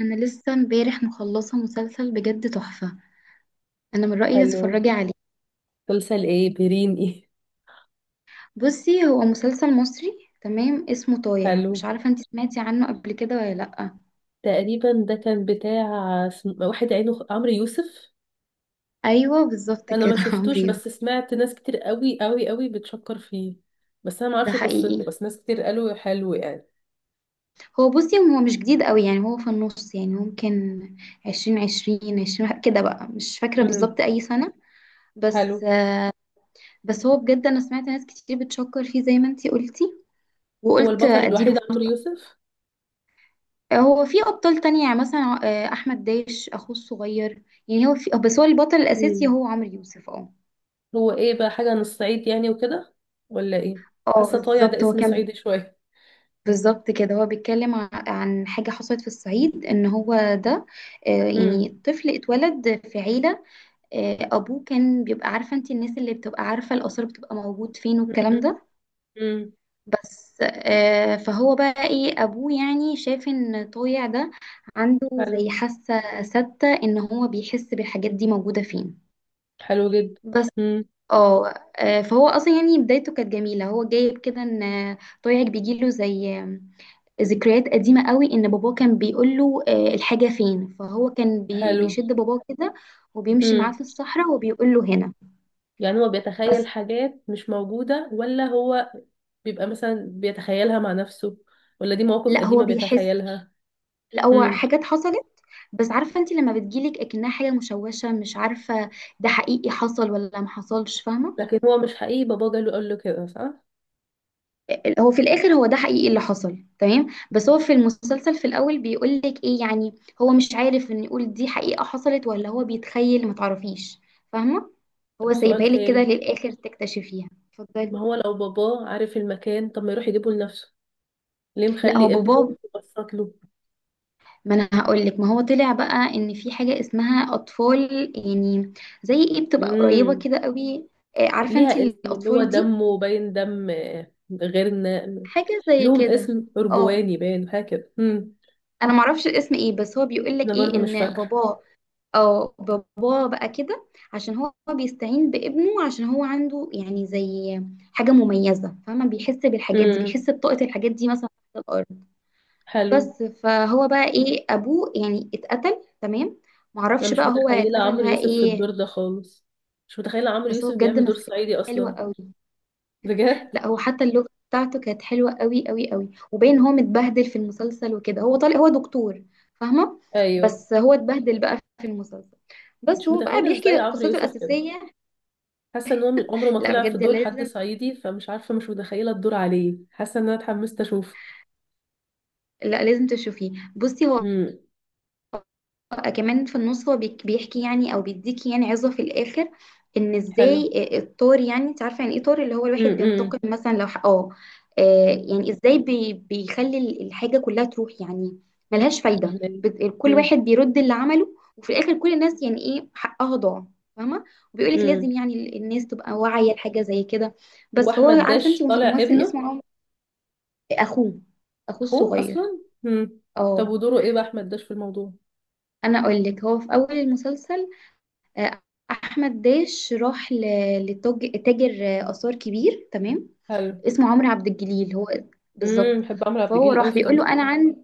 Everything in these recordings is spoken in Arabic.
انا لسه امبارح مخلصه مسلسل بجد تحفه. انا من رايي حلو. تتفرجي عليه. مسلسل ايه، بيرين ايه؟ بصي، هو مسلسل مصري تمام، اسمه طايع. حلو. مش عارفه انت سمعتي عنه قبل كده ولا لا؟ تقريبا ده كان بتاع واحد عمرو يوسف. ايوه بالظبط انا ما كده عمرو شفتوش، يوسف. بس سمعت ناس كتير قوي قوي قوي بتشكر فيه. بس انا ما ده اعرفش قصته، حقيقي. بس ناس كتير قالوا حلو يعني. هو بصي هو مش جديد قوي، يعني هو في النص، يعني ممكن عشرين عشرين عشرين كده بقى، مش فاكره امم. بالظبط اي سنه. حلو. بس بس هو بجد انا سمعت ناس كتير بتشكر فيه زي ما انت قلتي، هو وقلت البطل الوحيد اديله. عمرو يوسف؟ هو في ابطال تانية، يعني مثلا احمد داش اخوه الصغير. يعني هو في، بس هو البطل الاساسي مم. هو عمرو يوسف، اه. هو ايه بقى، حاجة عن الصعيد يعني وكده ولا ايه؟ اه حاسة طايع ده بالظبط، هو اسم كان. صعيدي شوية. بالظبط كده، هو بيتكلم عن حاجة حصلت في الصعيد، ان هو ده، امم. يعني طفل اتولد في عيلة. ابوه كان بيبقى، عارفة انت الناس اللي بتبقى عارفة الآثار بتبقى موجود فين والكلام ده. امم. بس فهو بقى ايه، ابوه يعني شاف ان طويع ده عنده حلو. زي حاسة ثابتة ان هو بيحس بالحاجات دي موجودة فين. حلو جدا. بس امم. اه. فهو اصلا يعني بدايته كانت جميله، هو جايب كده ان طويعك بيجيله زي ذكريات قديمه قوي، ان باباه كان بيقول له الحاجه فين، فهو كان حلو. بيشد باباه كده، وبيمشي معاه في الصحراء وبيقول له هنا. يعني هو بيتخيل بس حاجات مش موجودة، ولا هو بيبقى مثلا بيتخيلها مع نفسه، ولا دي مواقف لا هو قديمة بيحس، بيتخيلها؟ لا هو مم. حاجات حصلت. بس عارفه انت لما بتجيلك اكنها حاجه مشوشه، مش عارفه ده حقيقي حصل ولا ما حصلش، فاهمه. لكن هو مش حقيقي باباه جاله قال له كده، صح؟ هو في الاخر هو ده حقيقي اللي حصل، تمام، بس هو في المسلسل في الاول بيقول لك ايه يعني، هو مش عارف ان يقول دي حقيقة حصلت ولا هو بيتخيل، ما تعرفيش. فاهمة. هو طب سؤال سايبها لك كده تاني. للاخر تكتشفيها، اتفضلي. ما هو لو باباه عارف المكان، طب ما يروح يجيبه لنفسه، ليه لا هو مخلي ابنه بابا. يبسط له؟ ما انا هقول لك، ما هو طلع بقى ان في حاجة اسمها اطفال، يعني زي ايه، بتبقى قريبة مم. كده قوي. عارفة انت ليها اسم اللي هو الاطفال دي، دمه باين دم غيرنا. حاجة زي لهم كده. اسم اه. أرجواني، باين حاجة كده. مم. انا معرفش الاسم ايه، بس هو بيقول أنا لك ايه، برضو مش ان فاكرة. باباه، اه باباه بقى كده، عشان هو بيستعين بابنه، عشان هو عنده يعني زي حاجة مميزة، فاهمة، بيحس بالحاجات دي، مم. بيحس بطاقة الحاجات دي مثلا تحت الأرض. حلو. بس فهو بقى ايه، أبوه يعني اتقتل تمام. انا معرفش مش بقى هو متخيله اتقتل عمرو بقى يوسف في ايه. الدور ده خالص. مش متخيله عمرو بس هو يوسف بجد بيعمل دور مثل صعيدي حلوة اصلا. قوي. بجد. لا هو حتى اللغة بتاعته كانت حلوة قوي قوي قوي، وباين هو متبهدل في المسلسل وكده، هو طالع هو دكتور، فاهمة؟ ايوه. بس هو اتبهدل بقى في المسلسل، بس مش هو بقى متخيله بيحكي ازاي عمرو قصته يوسف كده. الأساسية. حاسه ان هو عمره ما لا طلع في بجد دور حد لازم، صعيدي، فمش عارفه، مش متخيله الدور عليه. حاسه ان انا اتحمست اشوفه. لا لازم تشوفيه. بصي هو امم. كمان في النص هو بيحكي يعني او بيديكي يعني عظة في الاخر، ان حلو. ازاي الطار، يعني انت عارفه يعني ايه طار، اللي هو الواحد امم. بينتقم مثلا لو حقه. يعني ازاي بي بيخلي الحاجه كلها تروح، يعني ملهاش فايده، فهماني. كل امم. واحد بيرد اللي عمله، وفي الاخر كل الناس يعني ايه حقها ضاع، فاهمه. وبيقولك امم. لازم يعني الناس تبقى واعيه لحاجه زي كده. هو بس فهو احمد عارفه انت داش طالع ممثل ابنه؟ اسمه اخوه، اخوه اخوه اصلا. الصغير، امم. طب اه. ودوره ايه بقى احمد داش في الموضوع؟ انا اقول لك، هو في اول المسلسل آه، احمد داش راح تاجر اثار كبير، تمام، حلو. اسمه عمرو عبد الجليل هو. امم. بالظبط. بحب عمرو عبد فهو الجليل راح قوي في بيقول له تمثيل. انا عن،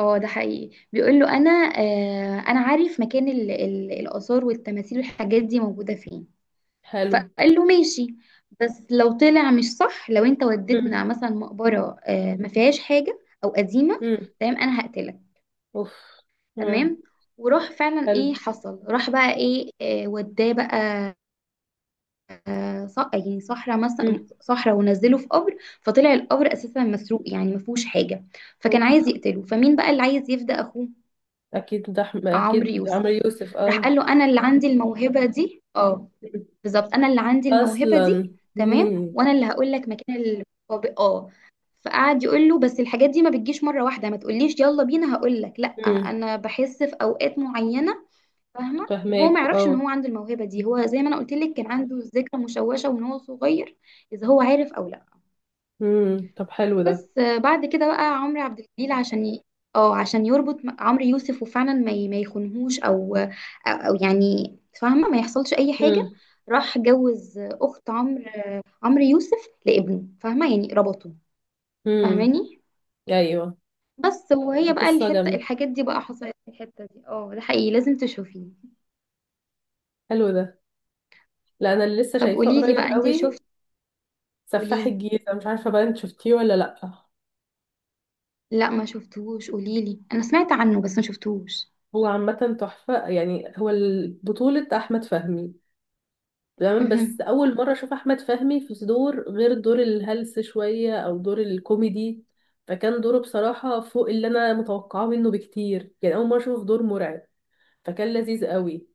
اه ده حقيقي، بيقول له انا انا عارف مكان الاثار والتماثيل والحاجات دي موجوده فين. حلو. فقال له ماشي، بس لو طلع مش صح، لو انت امم. وديتنا مثلا مقبره ما فيهاش حاجه او قديمه، امم. تمام، انا هقتلك، اوف. آه. تمام. وراح فعلا، حلو. ايه حصل، راح بقى ايه وداه بقى يعني صحراء، مم. مثلا صحراء، ونزله في قبر، فطلع القبر اساسا مسروق يعني ما فيهوش حاجه. فكان اوف. عايز يقتله، فمين بقى اللي عايز يفدى اخوه؟ اكيد ده عمرو اكيد عمرو يوسف. يوسف، راح اه. قال له انا اللي عندي الموهبه دي، اه، مم. بالظبط، انا اللي عندي الموهبه اصلا. دي تمام، امم. وانا اللي هقول لك مكان القبر، اه. فقعد يقول له بس الحاجات دي ما بتجيش مره واحده، ما تقوليش يلا بينا، هقول لك لا، امم. انا بحس في اوقات معينه، فاهمه. وهو فهماك، ما يعرفش ان اه. هو عنده الموهبه دي، هو زي ما انا قلت لك، كان عنده ذكرى مشوشه وان هو صغير اذا هو عارف او لا. امم. طب حلو ده. بس بعد كده بقى عمرو عبد الجليل عشان ي... اه عشان يربط عمرو يوسف وفعلا ما ي... ما يخونهوش او او يعني، فاهمه، ما يحصلش اي حاجه. امم. راح جوز اخت عمرو، عمرو يوسف لابنه، فاهمه، يعني ربطه. امم. فاهماني. ايوه. بس ده وهي بقى قصه الحته، جامده. الحاجات دي بقى حصلت في الحته دي، اه ده حقيقي، لازم تشوفيه. حلو ده. لا، انا اللي لسه طب شايفاه قولي لي قريب بقى انت قوي. شفتي. قولي سفاح لي. الجيزه، مش عارفه بقى انت شفتيه ولا لا. لا ما شفتهوش، قوليلي، انا سمعت عنه بس ما شفتهوش. هو عامه تحفه. يعني هو بطوله احمد فهمي. تمام. اها. بس اول مره اشوف احمد فهمي في دور غير دور الهلس شويه او دور الكوميدي. فكان دوره بصراحه فوق اللي انا متوقعاه منه بكتير. يعني اول مره اشوفه في دور مرعب. فكان لذيذ قوي.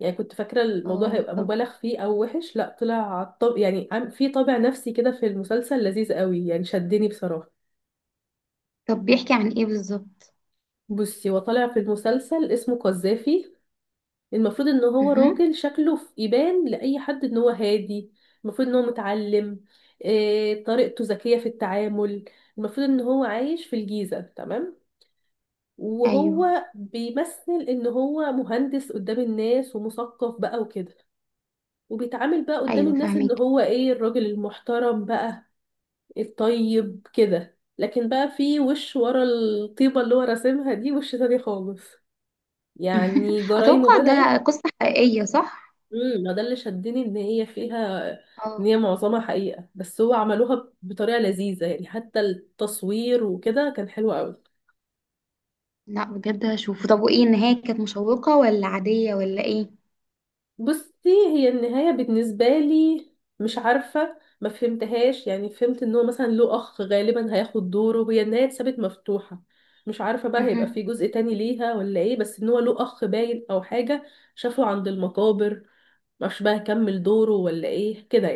يعني كنت فاكره الموضوع اه هيبقى طب. مبالغ فيه او وحش، لا طلع طب. يعني في طابع نفسي كده في المسلسل لذيذ قوي، يعني شدني بصراحه. طب بيحكي عن ايه بالظبط؟ بصي، هو طالع في المسلسل اسمه قذافي. المفروض ان هو اها. راجل شكله في يبان لاي حد ان هو هادي. المفروض ان هو متعلم. إيه طريقته ذكية في التعامل. المفروض ان هو عايش في الجيزة، تمام. ايوه وهو بيمثل ان هو مهندس قدام الناس ومثقف بقى وكده. وبيتعامل بقى قدام ايوه الناس ان فاهمك. هو ايه، الراجل المحترم بقى، الطيب كده. لكن بقى في وش ورا الطيبة اللي هو راسمها دي وش تاني خالص. يعني جرايمه اتوقع ده بدأت. قصة حقيقية، صح؟ ما ده اللي شدني، ان هي فيها، ان اه. هي معظمها حقيقة. بس هو عملوها بطريقة لذيذة، يعني حتى التصوير وكده كان حلو قوي. لا بجد هشوفه. طب وايه النهاية، كانت مشوقة ولا عادية ولا ايه؟ بصي، هي النهاية بالنسبة لي مش عارفة، ما فهمتهاش. يعني فهمت ان هو مثلا له اخ، غالبا هياخد دوره. هي النهاية اتسابت مفتوحة، مش عارفة بقى اها. هيبقى في جزء تاني ليها ولا ايه. بس ان هو له اخ باين، او حاجة شافه عند المقابر. معرفش بقى هيكمل دوره ولا ايه كده.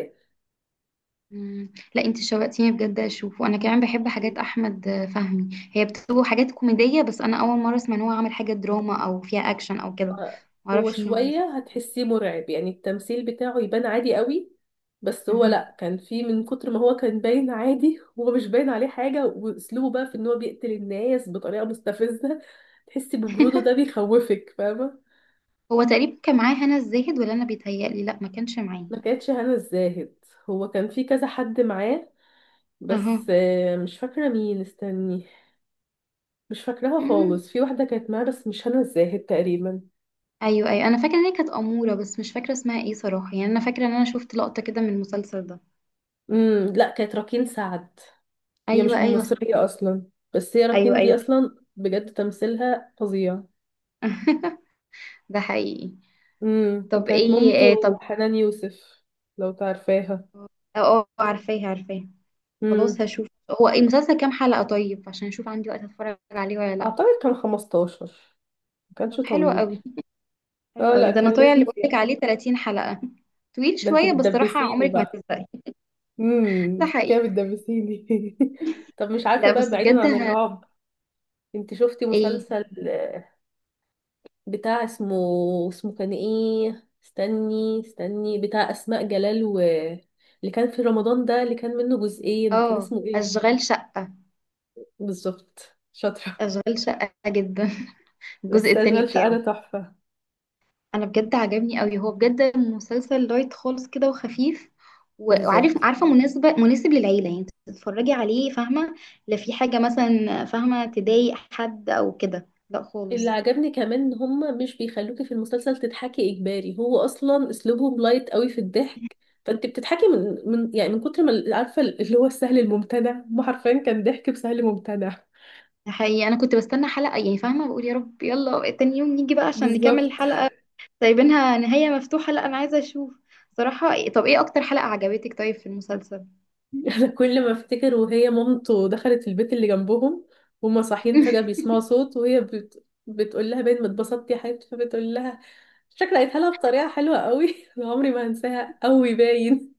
مم. لا انت شوقتيني بجد اشوفه، انا كمان بحب حاجات يعني احمد فهمي، هي بتبقى حاجات كوميدية، بس انا اول مرة اسمع ان هو عامل حاجة دراما او فيها اكشن او كده، هو معرفش ان هو شوية هتحسيه مرعب، يعني التمثيل بتاعه يبان عادي قوي. بس هو المسلسل. لأ، كان فيه من كتر ما هو كان باين عادي هو مش باين عليه حاجة، وأسلوبه بقى في إن هو بيقتل الناس بطريقة مستفزة. تحسي ببروده ده، بيخوفك، فاهمة. هو تقريبا كان معاه هنا الزاهد، ولا انا بيتهيألي؟ لا ما كانش معاه. ما كانتش هنا الزاهد. هو كان فيه كذا حد معاه، اها. بس مش فاكرة مين، استني. مش فاكراها مم. خالص. في واحدة كانت معاه بس مش هنا الزاهد تقريبا. ايوه ايوه انا فاكره ان هي كانت اموره، بس مش فاكره اسمها ايه صراحه، يعني انا فاكره ان انا شفت لقطه كده من المسلسل ده. امم. لأ، كانت راكين سعد. هي مش ايوه ايوه صح. مصرية أصلا. بس هي ايوه راكين دي ايوه. أصلا بجد تمثيلها فظيع. ده حقيقي. امم. طب وكانت ايه مامته إيه، طب. حنان يوسف، لو تعرفاها. اه عارفاه عارفاه. خلاص امم. هشوف. هو إيه المسلسل كام حلقه طيب، عشان اشوف عندي وقت اتفرج عليه ولا لا؟ أعتقد كان 15، ما طب كانش حلو طويل. قوي. حلو اه، قوي، لا ده انا كان طويل اللي لذيذ بقولك يعني. عليه 30 حلقه طويل ده انتي شويه بس صراحه بتدبسيني عمرك ما بقى. هتزهقي. امم. ده انت كده حقيقي. بتدبسيني. طب مش عارفة لا بقى، بس بعيدا بجد عن ه... الرعب، انت شفتي ايه. مسلسل بتاع اسمه، اسمه كان ايه، استني استني، بتاع اسماء جلال، و اللي كان في رمضان ده اللي كان منه جزئين، كان اه اسمه ايه؟ اشغال شقة. بالظبط، شاطرة. اشغال شقة جدا. الجزء بس التاني اشغال شقة بتاعه ده تحفة. انا بجد عجبني قوي، هو بجد مسلسل لايت خالص كده وخفيف، وعارف، بالظبط. عارفه مناسبه، مناسب للعيله يعني، تتفرجي عليه، فاهمه. لا في حاجه مثلا فاهمه تضايق حد او كده، لا اللي خالص. عجبني كمان ان هما مش بيخلوكي في المسلسل تضحكي اجباري. هو اصلا اسلوبهم لايت قوي في الضحك. فانت بتضحكي من يعني، من كتر ما، عارفة، اللي هو السهل الممتنع، ما حرفيا كان ضحك بسهل ممتنع. حقيقي انا كنت بستنى حلقه، يعني فاهمه بقول يا رب يلا تاني يوم نيجي بقى عشان نكمل بالظبط. الحلقه. سايبينها نهايه مفتوحه، لا انا عايزه اشوف صراحه. طب ايه اكتر حلقه عجبتك طيب في المسلسل؟ كل ما افتكر وهي مامته دخلت البيت اللي جنبهم، وهما صاحيين فجأة بيسمعوا صوت، وهي بتقول لها باين ما اتبسطتي يا حبيبتي، فبتقول لها، شكلها قالتها لها بطريقة حلوة قوي. أنا عمري ما هنساها، قوي باين.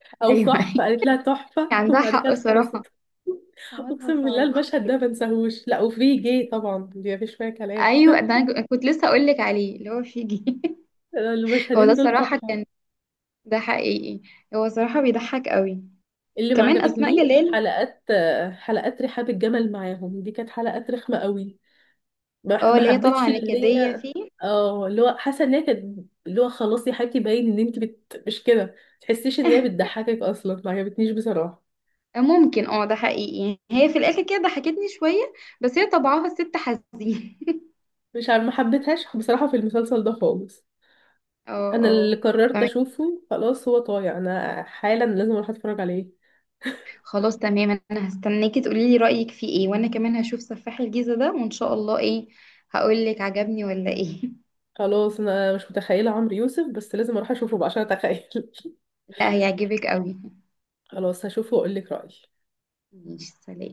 او ايوه. تحفة، قالت لها تحفة. عندها وبعد كده حق صراحة، اتخرست. حماتها اقسم بالله صعبة. المشهد ده ما انساهوش. لا، وفي جه طبعا، دي مفيش فيها كلام. ايوه ده انا كنت لسه اقول لك عليه اللي هو فيجي. هو ده المشهدين دول الصراحه تحفة. كان، ده حقيقي، هو صراحه بيضحك قوي، اللي ما وكمان اسماء عجبتنيش جلال. حلقات، حلقات رحاب الجمل معاهم، دي كانت حلقات رخمة قوي. ما اه ما اللي هي حبيتش طالعه اللي نكديه هي، فيه. اه اللي هو، حاسه ان هي كانت، اللي هو خلاص يا حبيبتي باين ان انت مش كده، ما تحسيش ان هي بتضحكك اصلا، ما عجبتنيش بصراحه. ممكن اه ده حقيقي، هي في الاخر كده ضحكتني شويه، بس هي طبعها ست حزين. مش عارفه، ما حبيتهاش بصراحه في المسلسل ده خالص. اه انا اللي اه قررت فاهمك. اشوفه خلاص. هو طايع، انا حالا لازم اروح اتفرج عليه. خلاص تمام، انا هستناكي تقولي لي رايك فيه ايه، وانا كمان هشوف سفاح الجيزه ده وان شاء الله ايه هقول لك عجبني ولا ايه. خلاص، انا مش متخيله عمرو يوسف، بس لازم اروح اشوفه بقى عشان اتخيل. لا هيعجبك قوي. خلاص هشوفه واقول لك رايي. ماشي سلام.